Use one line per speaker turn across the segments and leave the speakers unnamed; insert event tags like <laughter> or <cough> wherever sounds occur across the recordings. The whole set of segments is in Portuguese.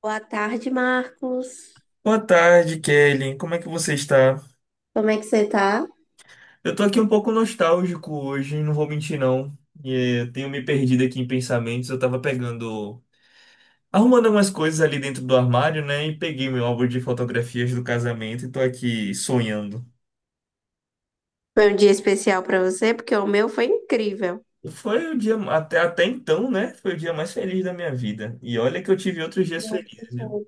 Boa tarde, Marcos.
Boa tarde, Kelly. Como é que você está?
Como é que você tá?
Eu tô aqui um pouco nostálgico hoje, não vou mentir não. Eu tenho me perdido aqui em pensamentos. Eu tava pegando, arrumando algumas coisas ali dentro do armário, né? E peguei meu álbum de fotografias do casamento e tô aqui sonhando.
Foi um dia especial pra você, porque o meu foi incrível.
Foi o dia até então, né? Foi o dia mais feliz da minha vida. E olha que eu tive outros dias
Bom,
felizes, viu?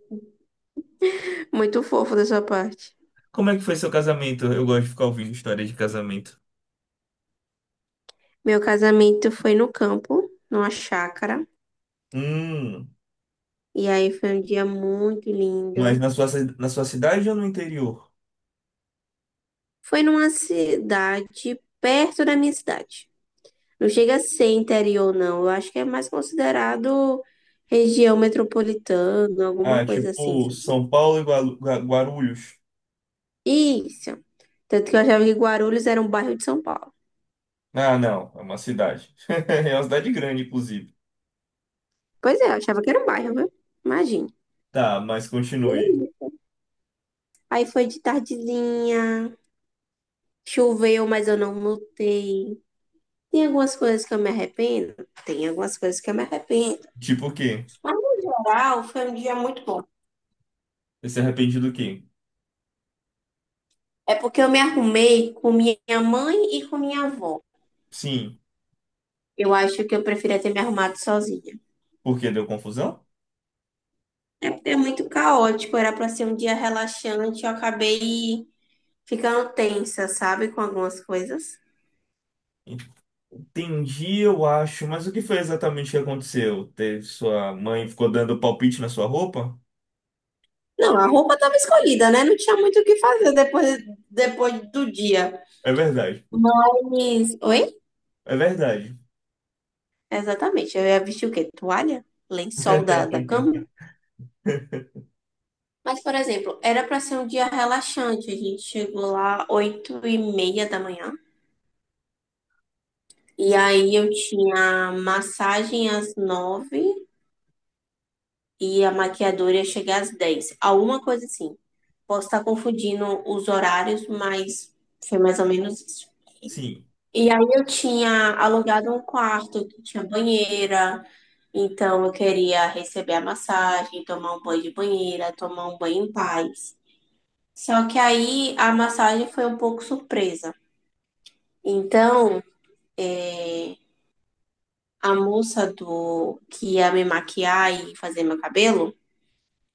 muito fofo da sua parte.
Como é que foi seu casamento? Eu gosto de ficar ouvindo histórias de casamento.
Meu casamento foi no campo, numa chácara,
Hum,
e aí foi um dia muito
mas
lindo.
na na sua cidade ou no interior?
Foi numa cidade perto da minha cidade. Não chega a ser interior, não. Eu acho que é mais considerado região metropolitana, alguma
Ah,
coisa assim,
tipo
sabe?
São Paulo e Guarulhos.
Isso. Tanto que eu achava que Guarulhos era um bairro de São Paulo.
Ah, não, é uma cidade. <laughs> É uma cidade grande, inclusive.
Pois é, eu achava que era um bairro, viu? Imagina.
Tá, mas
E
continue.
aí Aí foi de tardezinha, choveu, mas eu não notei. Tem algumas coisas que eu me arrependo? Tem algumas coisas que eu me arrependo.
Tipo o quê?
Mas, no geral, foi um dia muito bom.
Você se arrepende do quê?
É porque eu me arrumei com minha mãe e com minha avó.
Sim,
Eu acho que eu preferia ter me arrumado sozinha.
porque deu confusão?
É porque é muito caótico, era para ser um dia relaxante, eu acabei ficando tensa, sabe, com algumas coisas.
Entendi, eu acho, mas o que foi exatamente que aconteceu? Teve Sua mãe ficou dando palpite na sua roupa?
Não, a roupa estava escolhida, né? Não tinha muito o que fazer depois, depois do dia.
É verdade,
Mas. Oi?
é verdade.
Exatamente. Eu ia vestir o quê? Toalha? Lençol da cama?
<laughs>
Mas, por exemplo, era para ser um dia relaxante. A gente chegou lá 8:30 da manhã. E
Sim,
aí eu tinha massagem às 9 e a maquiadora ia chegar às 10. Alguma coisa assim. Posso estar confundindo os horários, mas foi mais ou menos isso.
sim,
E aí eu tinha alugado um quarto que tinha banheira, então eu queria receber a massagem, tomar um banho de banheira, tomar um banho em paz. Só que aí a massagem foi um pouco surpresa. Então, eh, a moça do que ia me maquiar e fazer meu cabelo,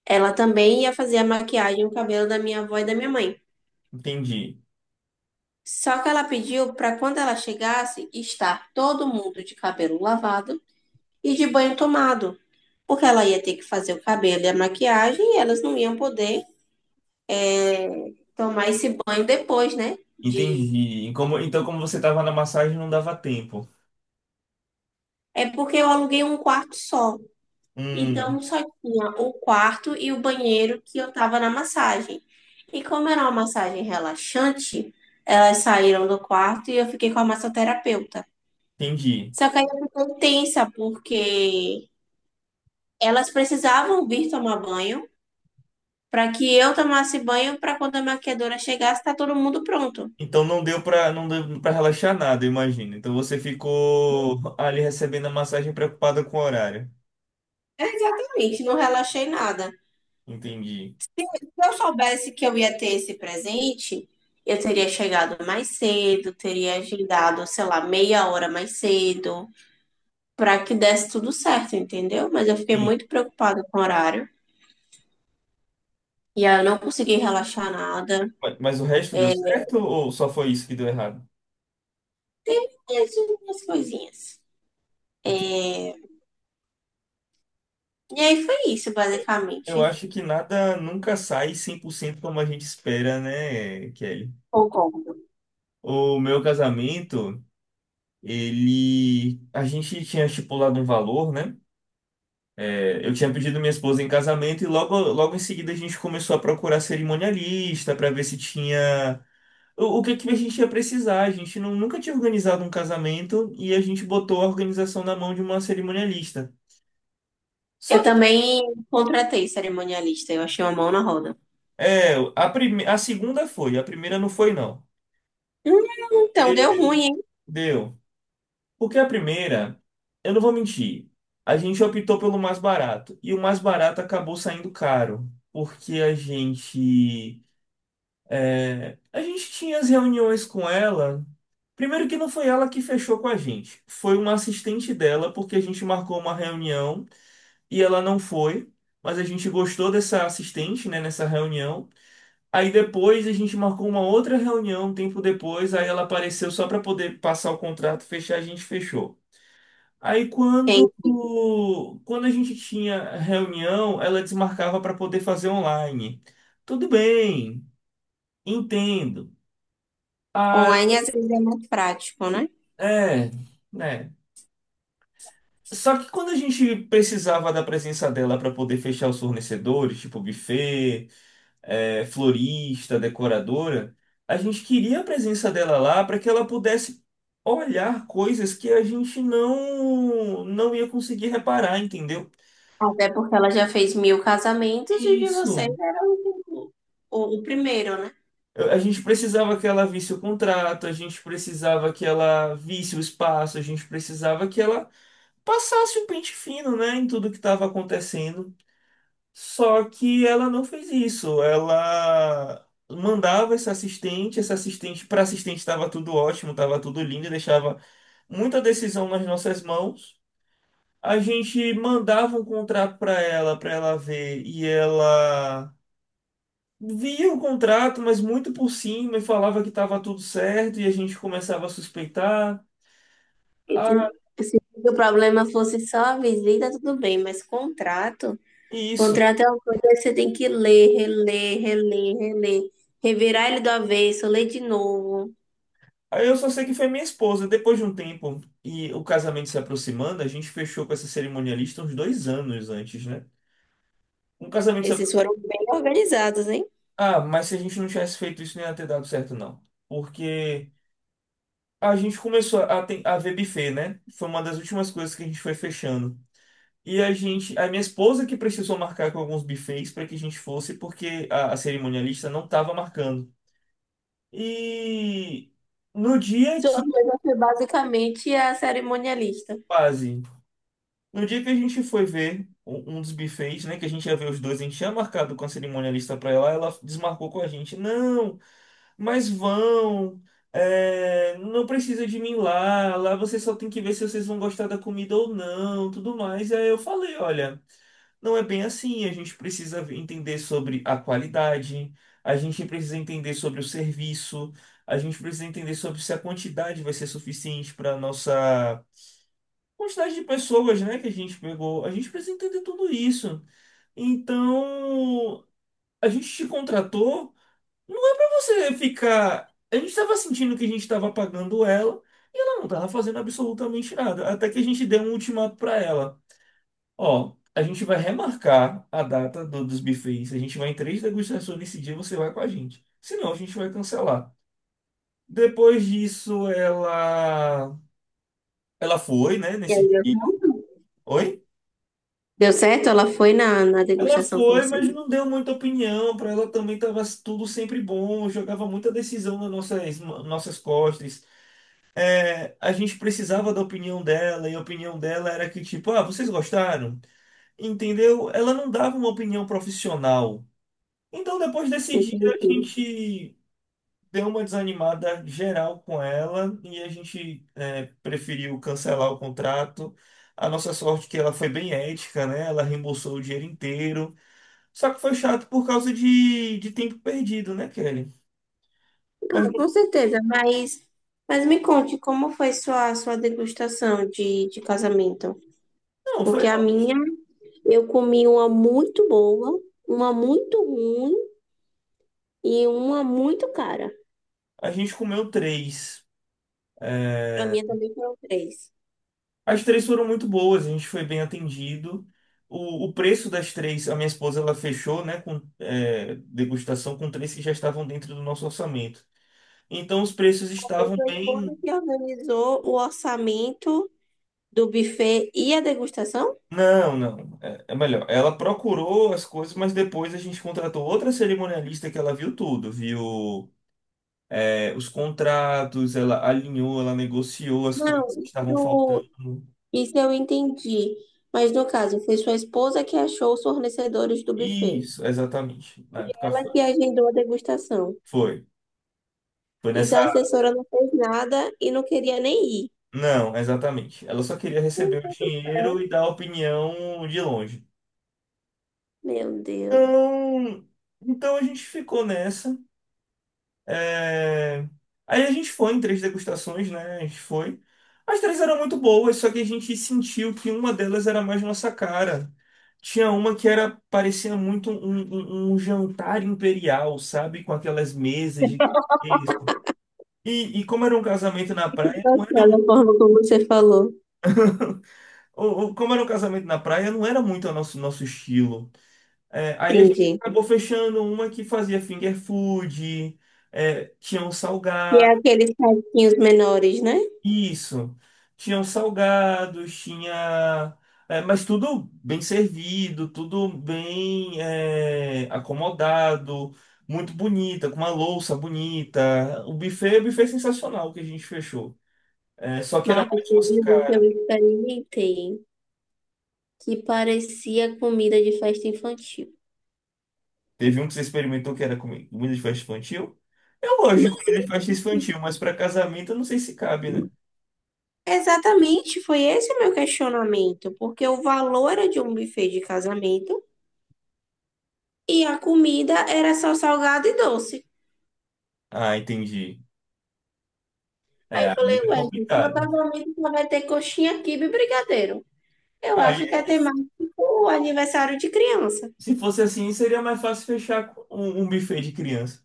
ela também ia fazer a maquiagem e o cabelo da minha avó e da minha mãe.
entendi,
Só que ela pediu para quando ela chegasse, estar todo mundo de cabelo lavado e de banho tomado, porque ela ia ter que fazer o cabelo e a maquiagem e elas não iam poder tomar esse banho depois, né?
entendi. E então, como você estava na massagem, não dava tempo.
É porque eu aluguei um quarto só.
Hum,
Então só tinha o quarto e o banheiro que eu tava na massagem. E como era uma massagem relaxante, elas saíram do quarto e eu fiquei com a massoterapeuta.
entendi.
Só que aí eu fiquei tensa, porque elas precisavam vir tomar banho para que eu tomasse banho para quando a maquiadora chegasse, tá todo mundo pronto.
Então não deu para relaxar nada, imagina. Então você ficou ali recebendo a massagem preocupada com o horário.
É, exatamente, não relaxei nada.
Entendi.
Se eu soubesse que eu ia ter esse presente, eu teria chegado mais cedo, teria agendado, sei lá, meia hora mais cedo, para que desse tudo certo, entendeu? Mas eu fiquei
Sim.
muito preocupada com o horário e aí eu não consegui relaxar nada.
Mas o resto deu certo ou só foi isso que deu errado?
Teve mais umas coisinhas.
Entendi.
E aí foi isso,
Eu
basicamente.
acho que nada nunca sai 100% como a gente espera, né, Kelly?
Concordo.
O meu casamento, ele a gente tinha estipulado um valor, né? É, eu tinha pedido minha esposa em casamento e logo, logo em seguida a gente começou a procurar cerimonialista para ver se tinha o que que a gente ia precisar. A gente não, Nunca tinha organizado um casamento e a gente botou a organização na mão de uma cerimonialista.
Eu
Só que
também contratei cerimonialista, eu achei uma mão na roda.
é, a segunda foi, a primeira não foi, não.
Hum, então deu
Ele
ruim, hein?
Deu. Porque a primeira, eu não vou mentir, a gente optou pelo mais barato. E o mais barato acabou saindo caro. Porque a gente a gente tinha as reuniões com ela. Primeiro que não foi ela que fechou com a gente, foi uma assistente dela, porque a gente marcou uma reunião e ela não foi, mas a gente gostou dessa assistente, né, nessa reunião. Aí depois a gente marcou uma outra reunião, um tempo depois, aí ela apareceu só para poder passar o contrato, fechar, a gente fechou. Aí quando
Gente,
Quando a gente tinha reunião, ela desmarcava para poder fazer online. Tudo bem, entendo. Ah,
online às vezes é mais prático, né?
é, né? Só que quando a gente precisava da presença dela para poder fechar os fornecedores, tipo buffet, é, florista, decoradora, a gente queria a presença dela lá para que ela pudesse olhar coisas que a gente não ia conseguir reparar, entendeu?
Até porque ela já fez mil casamentos e de vocês
Isso.
era o, primeiro, né?
A gente precisava que ela visse o contrato, a gente precisava que ela visse o espaço, a gente precisava que ela passasse o pente fino, né, em tudo que estava acontecendo. Só que ela não fez isso. Ela mandava essa assistente, para assistente estava tudo ótimo, estava tudo lindo, deixava muita decisão nas nossas mãos. A gente mandava um contrato para ela ver, e ela via o contrato, mas muito por cima e falava que estava tudo certo e a gente começava a suspeitar.
E Se,
Ah,
se o problema fosse só a visita, tudo bem, mas contrato,
isso.
contrato é uma coisa que você tem que ler, reler, reler, reler, revirar ele do avesso, ler de novo.
Aí eu só sei que foi minha esposa. Depois de um tempo e o casamento se aproximando, a gente fechou com essa cerimonialista uns 2 anos antes, né? Um casamento se
Esses
aproximando.
foram bem organizados, hein?
Ah, mas se a gente não tivesse feito isso, não ia ter dado certo, não. Porque a gente começou a ver buffet, né? Foi uma das últimas coisas que a gente foi fechando. E a gente, a minha esposa que precisou marcar com alguns buffets para que a gente fosse, porque a cerimonialista não estava marcando. E no dia
Sua
que
coisa foi basicamente a cerimonialista.
quase. No dia que a gente foi ver um dos buffets, né? Que a gente ia ver os dois, a gente tinha marcado com a cerimonialista pra ela, ela desmarcou com a gente. Não, mas vão. Não precisa de mim lá. Lá vocês só tem que ver se vocês vão gostar da comida ou não, tudo mais. E aí eu falei, olha. Não é bem assim. A gente precisa entender sobre a qualidade, a gente precisa entender sobre o serviço, a gente precisa entender sobre se a quantidade vai ser suficiente para nossa quantidade de pessoas, né, que a gente pegou. A gente precisa entender tudo isso. Então, a gente te contratou, não é para você ficar. A gente estava sentindo que a gente estava pagando ela e ela não estava fazendo absolutamente nada. Até que a gente deu um ultimato para ela. Ó, a gente vai remarcar a data dos buffets. A gente vai em três degustações nesse dia, você vai com a gente. Senão a gente vai cancelar. Depois disso, ela foi, né,
E
nesse
aí deu
dia.
certo?
Oi?
Deu certo? Ela foi na
Ela
degustação com
foi,
você?
mas não deu muita opinião. Para ela também estava tudo sempre bom, jogava muita decisão nas nossas costas. É, a gente precisava da opinião dela, e a opinião dela era que, tipo, ah, vocês gostaram? Entendeu? Ela não dava uma opinião profissional. Então, depois desse dia, a
Entendi.
gente deu uma desanimada geral com ela e a gente preferiu cancelar o contrato. A nossa sorte é que ela foi bem ética, né? Ela reembolsou o dinheiro inteiro. Só que foi chato por causa de tempo perdido, né, Kelly?
Ah, com
Mas
certeza, mas me conte como foi sua degustação de casamento.
não, foi.
Porque a
Ó.
minha, eu comi uma muito boa, uma muito ruim e uma muito cara.
A gente comeu três.
A
É,
minha também foram três.
as três foram muito boas, a gente foi bem atendido. O preço das três, a minha esposa ela fechou, né, com degustação com três que já estavam dentro do nosso orçamento. Então os preços
Foi
estavam
sua esposa
bem.
que organizou o orçamento do buffet e a degustação?
Não, não. É, é melhor. Ela procurou as coisas, mas depois a gente contratou outra cerimonialista que ela viu tudo, viu os contratos, ela alinhou, ela negociou as
Não,
coisas que estavam faltando.
isso eu entendi. Mas no caso, foi sua esposa que achou os fornecedores do buffet.
Isso, exatamente. Na época
Ela
foi.
que agendou a degustação.
Foi. Foi
Então a
nessa.
assessora não fez nada e não queria nem ir.
Não, exatamente. Ela só queria receber o dinheiro
Então,
e dar opinião de longe.
meu Deus.
Então, então a gente ficou nessa. É, aí a gente foi em três degustações, né? A gente foi. As três eram muito boas, só que a gente sentiu que uma delas era mais nossa cara. Tinha uma que era parecia muito um jantar imperial, sabe? Com aquelas mesas de e como era um casamento na praia, não era,
Engraçada a forma como você falou.
ou como era um casamento na praia, não era muito nosso estilo. É, aí a gente
Entendi.
acabou fechando uma que fazia finger food, é, tinha um
E é
salgado.
aqueles saquinhos menores, né?
Isso. Tinham salgados, tinha. É, mas tudo bem servido, acomodado, muito bonita, com uma louça bonita. O buffet sensacional que a gente fechou. É, só que era
Marcos,
mais nossa
teve um que eu
cara.
experimentei que parecia comida de festa infantil.
Teve um que você experimentou que era comida de festa infantil. Eu gosto de comida de festa infantil, mas para casamento eu não sei se cabe, né?
Exatamente, foi esse o meu questionamento, porque o valor era de um buffet de casamento e a comida era só salgado e doce.
Ah, entendi.
Aí
É,
eu
aí
falei,
é
ué, gente, meu
complicado.
casamento só vai ter coxinha, quibe e brigadeiro. Eu acho que é
Aí,
temático o aniversário de criança.
se fosse assim, seria mais fácil fechar com um buffet de criança.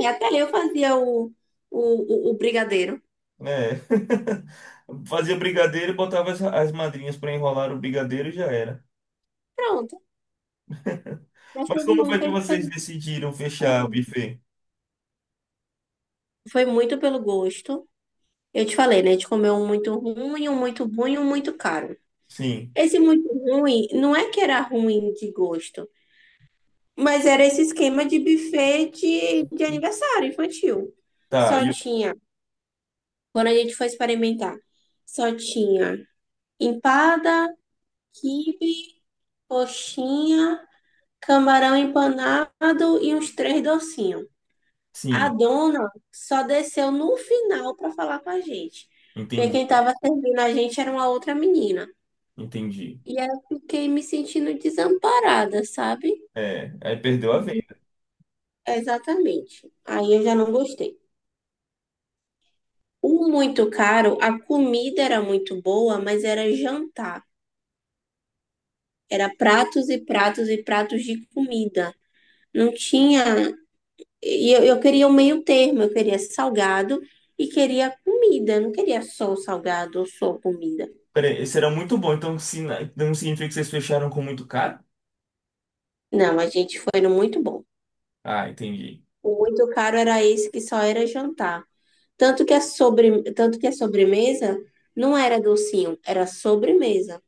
E até eu fazia o brigadeiro.
É. <laughs> Fazia brigadeiro e botava as madrinhas para enrolar o brigadeiro e já era.
Pronto, mas
Mas
teve
como
um
foi
que
que
a gente
vocês
fez.
decidiram fechar o buffet?
Foi muito pelo gosto. Eu te falei, né? A gente comeu um muito ruim, um muito bom e um muito caro.
Sim,
Esse muito ruim, não é que era ruim de gosto, mas era esse esquema de buffet de aniversário infantil.
tá.
Só
E eu-
tinha, quando a gente foi experimentar, só tinha empada, quibe, coxinha, camarão empanado e uns três docinhos. A
Sim,
dona só desceu no final para falar com a gente, porque
entendi,
quem estava servindo a gente era uma outra menina.
entendi.
E aí eu fiquei me sentindo desamparada, sabe?
É, aí perdeu a venda.
Exatamente. Aí eu já não gostei. O muito caro, a comida era muito boa, mas era jantar. Era pratos e pratos e pratos de comida. Não tinha. E eu queria o meio termo, eu queria salgado e queria comida. Eu não queria só o salgado ou só comida.
Peraí, esse era muito bom, então, se, então significa que vocês fecharam com muito caro?
Não, a gente foi no muito bom.
Ah, entendi,
O muito caro era esse que só era jantar. Tanto que a sobremesa não era docinho, era sobremesa.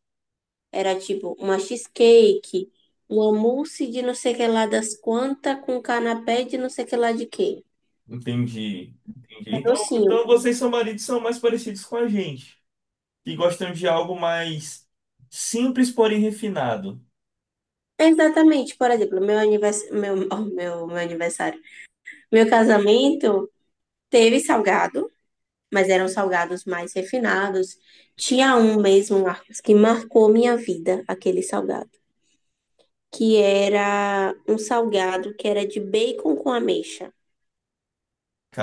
Era tipo uma cheesecake, uma mousse de não sei que lá das quantas, com canapé de não sei que lá de quê.
entendi, entendi.
Era
Então,
docinho.
então vocês são maridos são mais parecidos com a gente, que gostam de algo mais simples, porém refinado.
Exatamente, por exemplo, meu aniversário, <laughs> oh, meu aniversário, meu casamento teve salgado, mas eram salgados mais refinados. Tinha um mesmo, Marcos, que marcou minha vida, aquele salgado, que era um salgado que era de bacon com ameixa.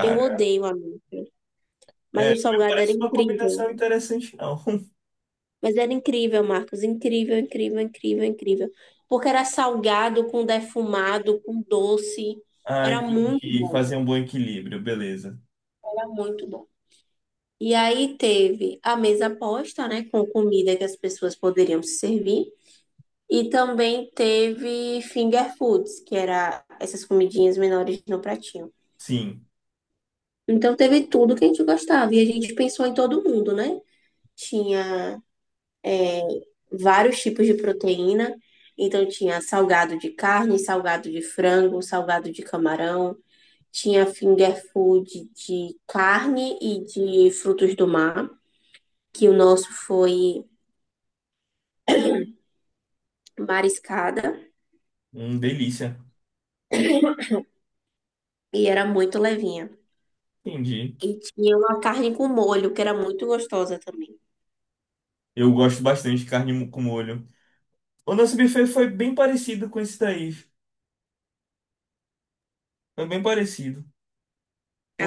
Eu odeio ameixa, mas
É,
o
mas
salgado era
parece uma
incrível.
combinação interessante, não. <laughs>
Mas era incrível, Marcos, incrível, incrível, incrível, incrível. Porque era salgado, com defumado, com doce.
Ah,
Era muito
entendi.
bom,
Fazer um bom equilíbrio, beleza.
era muito bom. E aí teve a mesa posta, né, com comida que as pessoas poderiam se servir. E também teve finger foods, que era essas comidinhas menores no pratinho.
Sim,
Então teve tudo que a gente gostava. E a gente pensou em todo mundo, né? Tinha vários tipos de proteína. Então tinha salgado de carne, salgado de frango, salgado de camarão, tinha finger food de carne e de frutos do mar, que o nosso foi mariscada
delícia.
e era muito levinha.
Entendi.
E tinha uma carne com molho, que era muito gostosa também.
Eu gosto bastante de carne com molho. O nosso buffet foi bem parecido com esse daí. Foi bem parecido.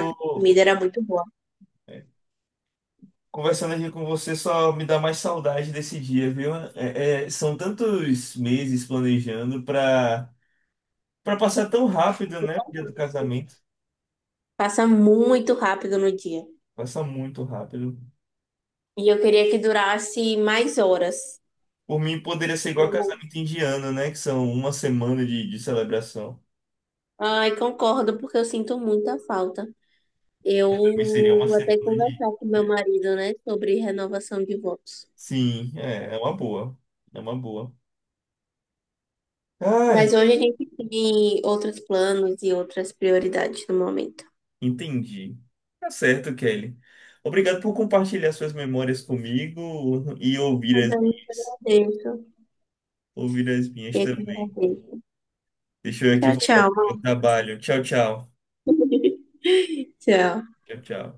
A comida era muito boa.
é, conversando aqui com você, só me dá mais saudade desse dia, viu? São tantos meses planejando pra, pra passar tão rápido, né? O dia do casamento.
Passa muito rápido no dia.
Passa muito rápido.
E eu queria que durasse mais horas.
Por mim, poderia ser igual
Eu,
casamento indiano, né? Que são uma semana de celebração.
ai, concordo, porque eu sinto muita falta. Eu
Pra mim seria uma
vou
semana
até
de.
conversar com meu marido, né, sobre renovação de votos.
Sim, é, é uma boa. É uma boa.
Mas
Ai,
hoje a gente tem outros planos e outras prioridades no momento.
entendi. Tá certo, Kelly. Obrigado por compartilhar suas memórias comigo e ouvir
Mas
as
eu muito
minhas.
agradeço.
Ouvir as minhas
Eu que
também.
agradeço.
Deixa eu aqui
Tchau,
voltar para o meu
tchau.
trabalho. Tchau, tchau.
<laughs> Tchau.
Tchau, tchau.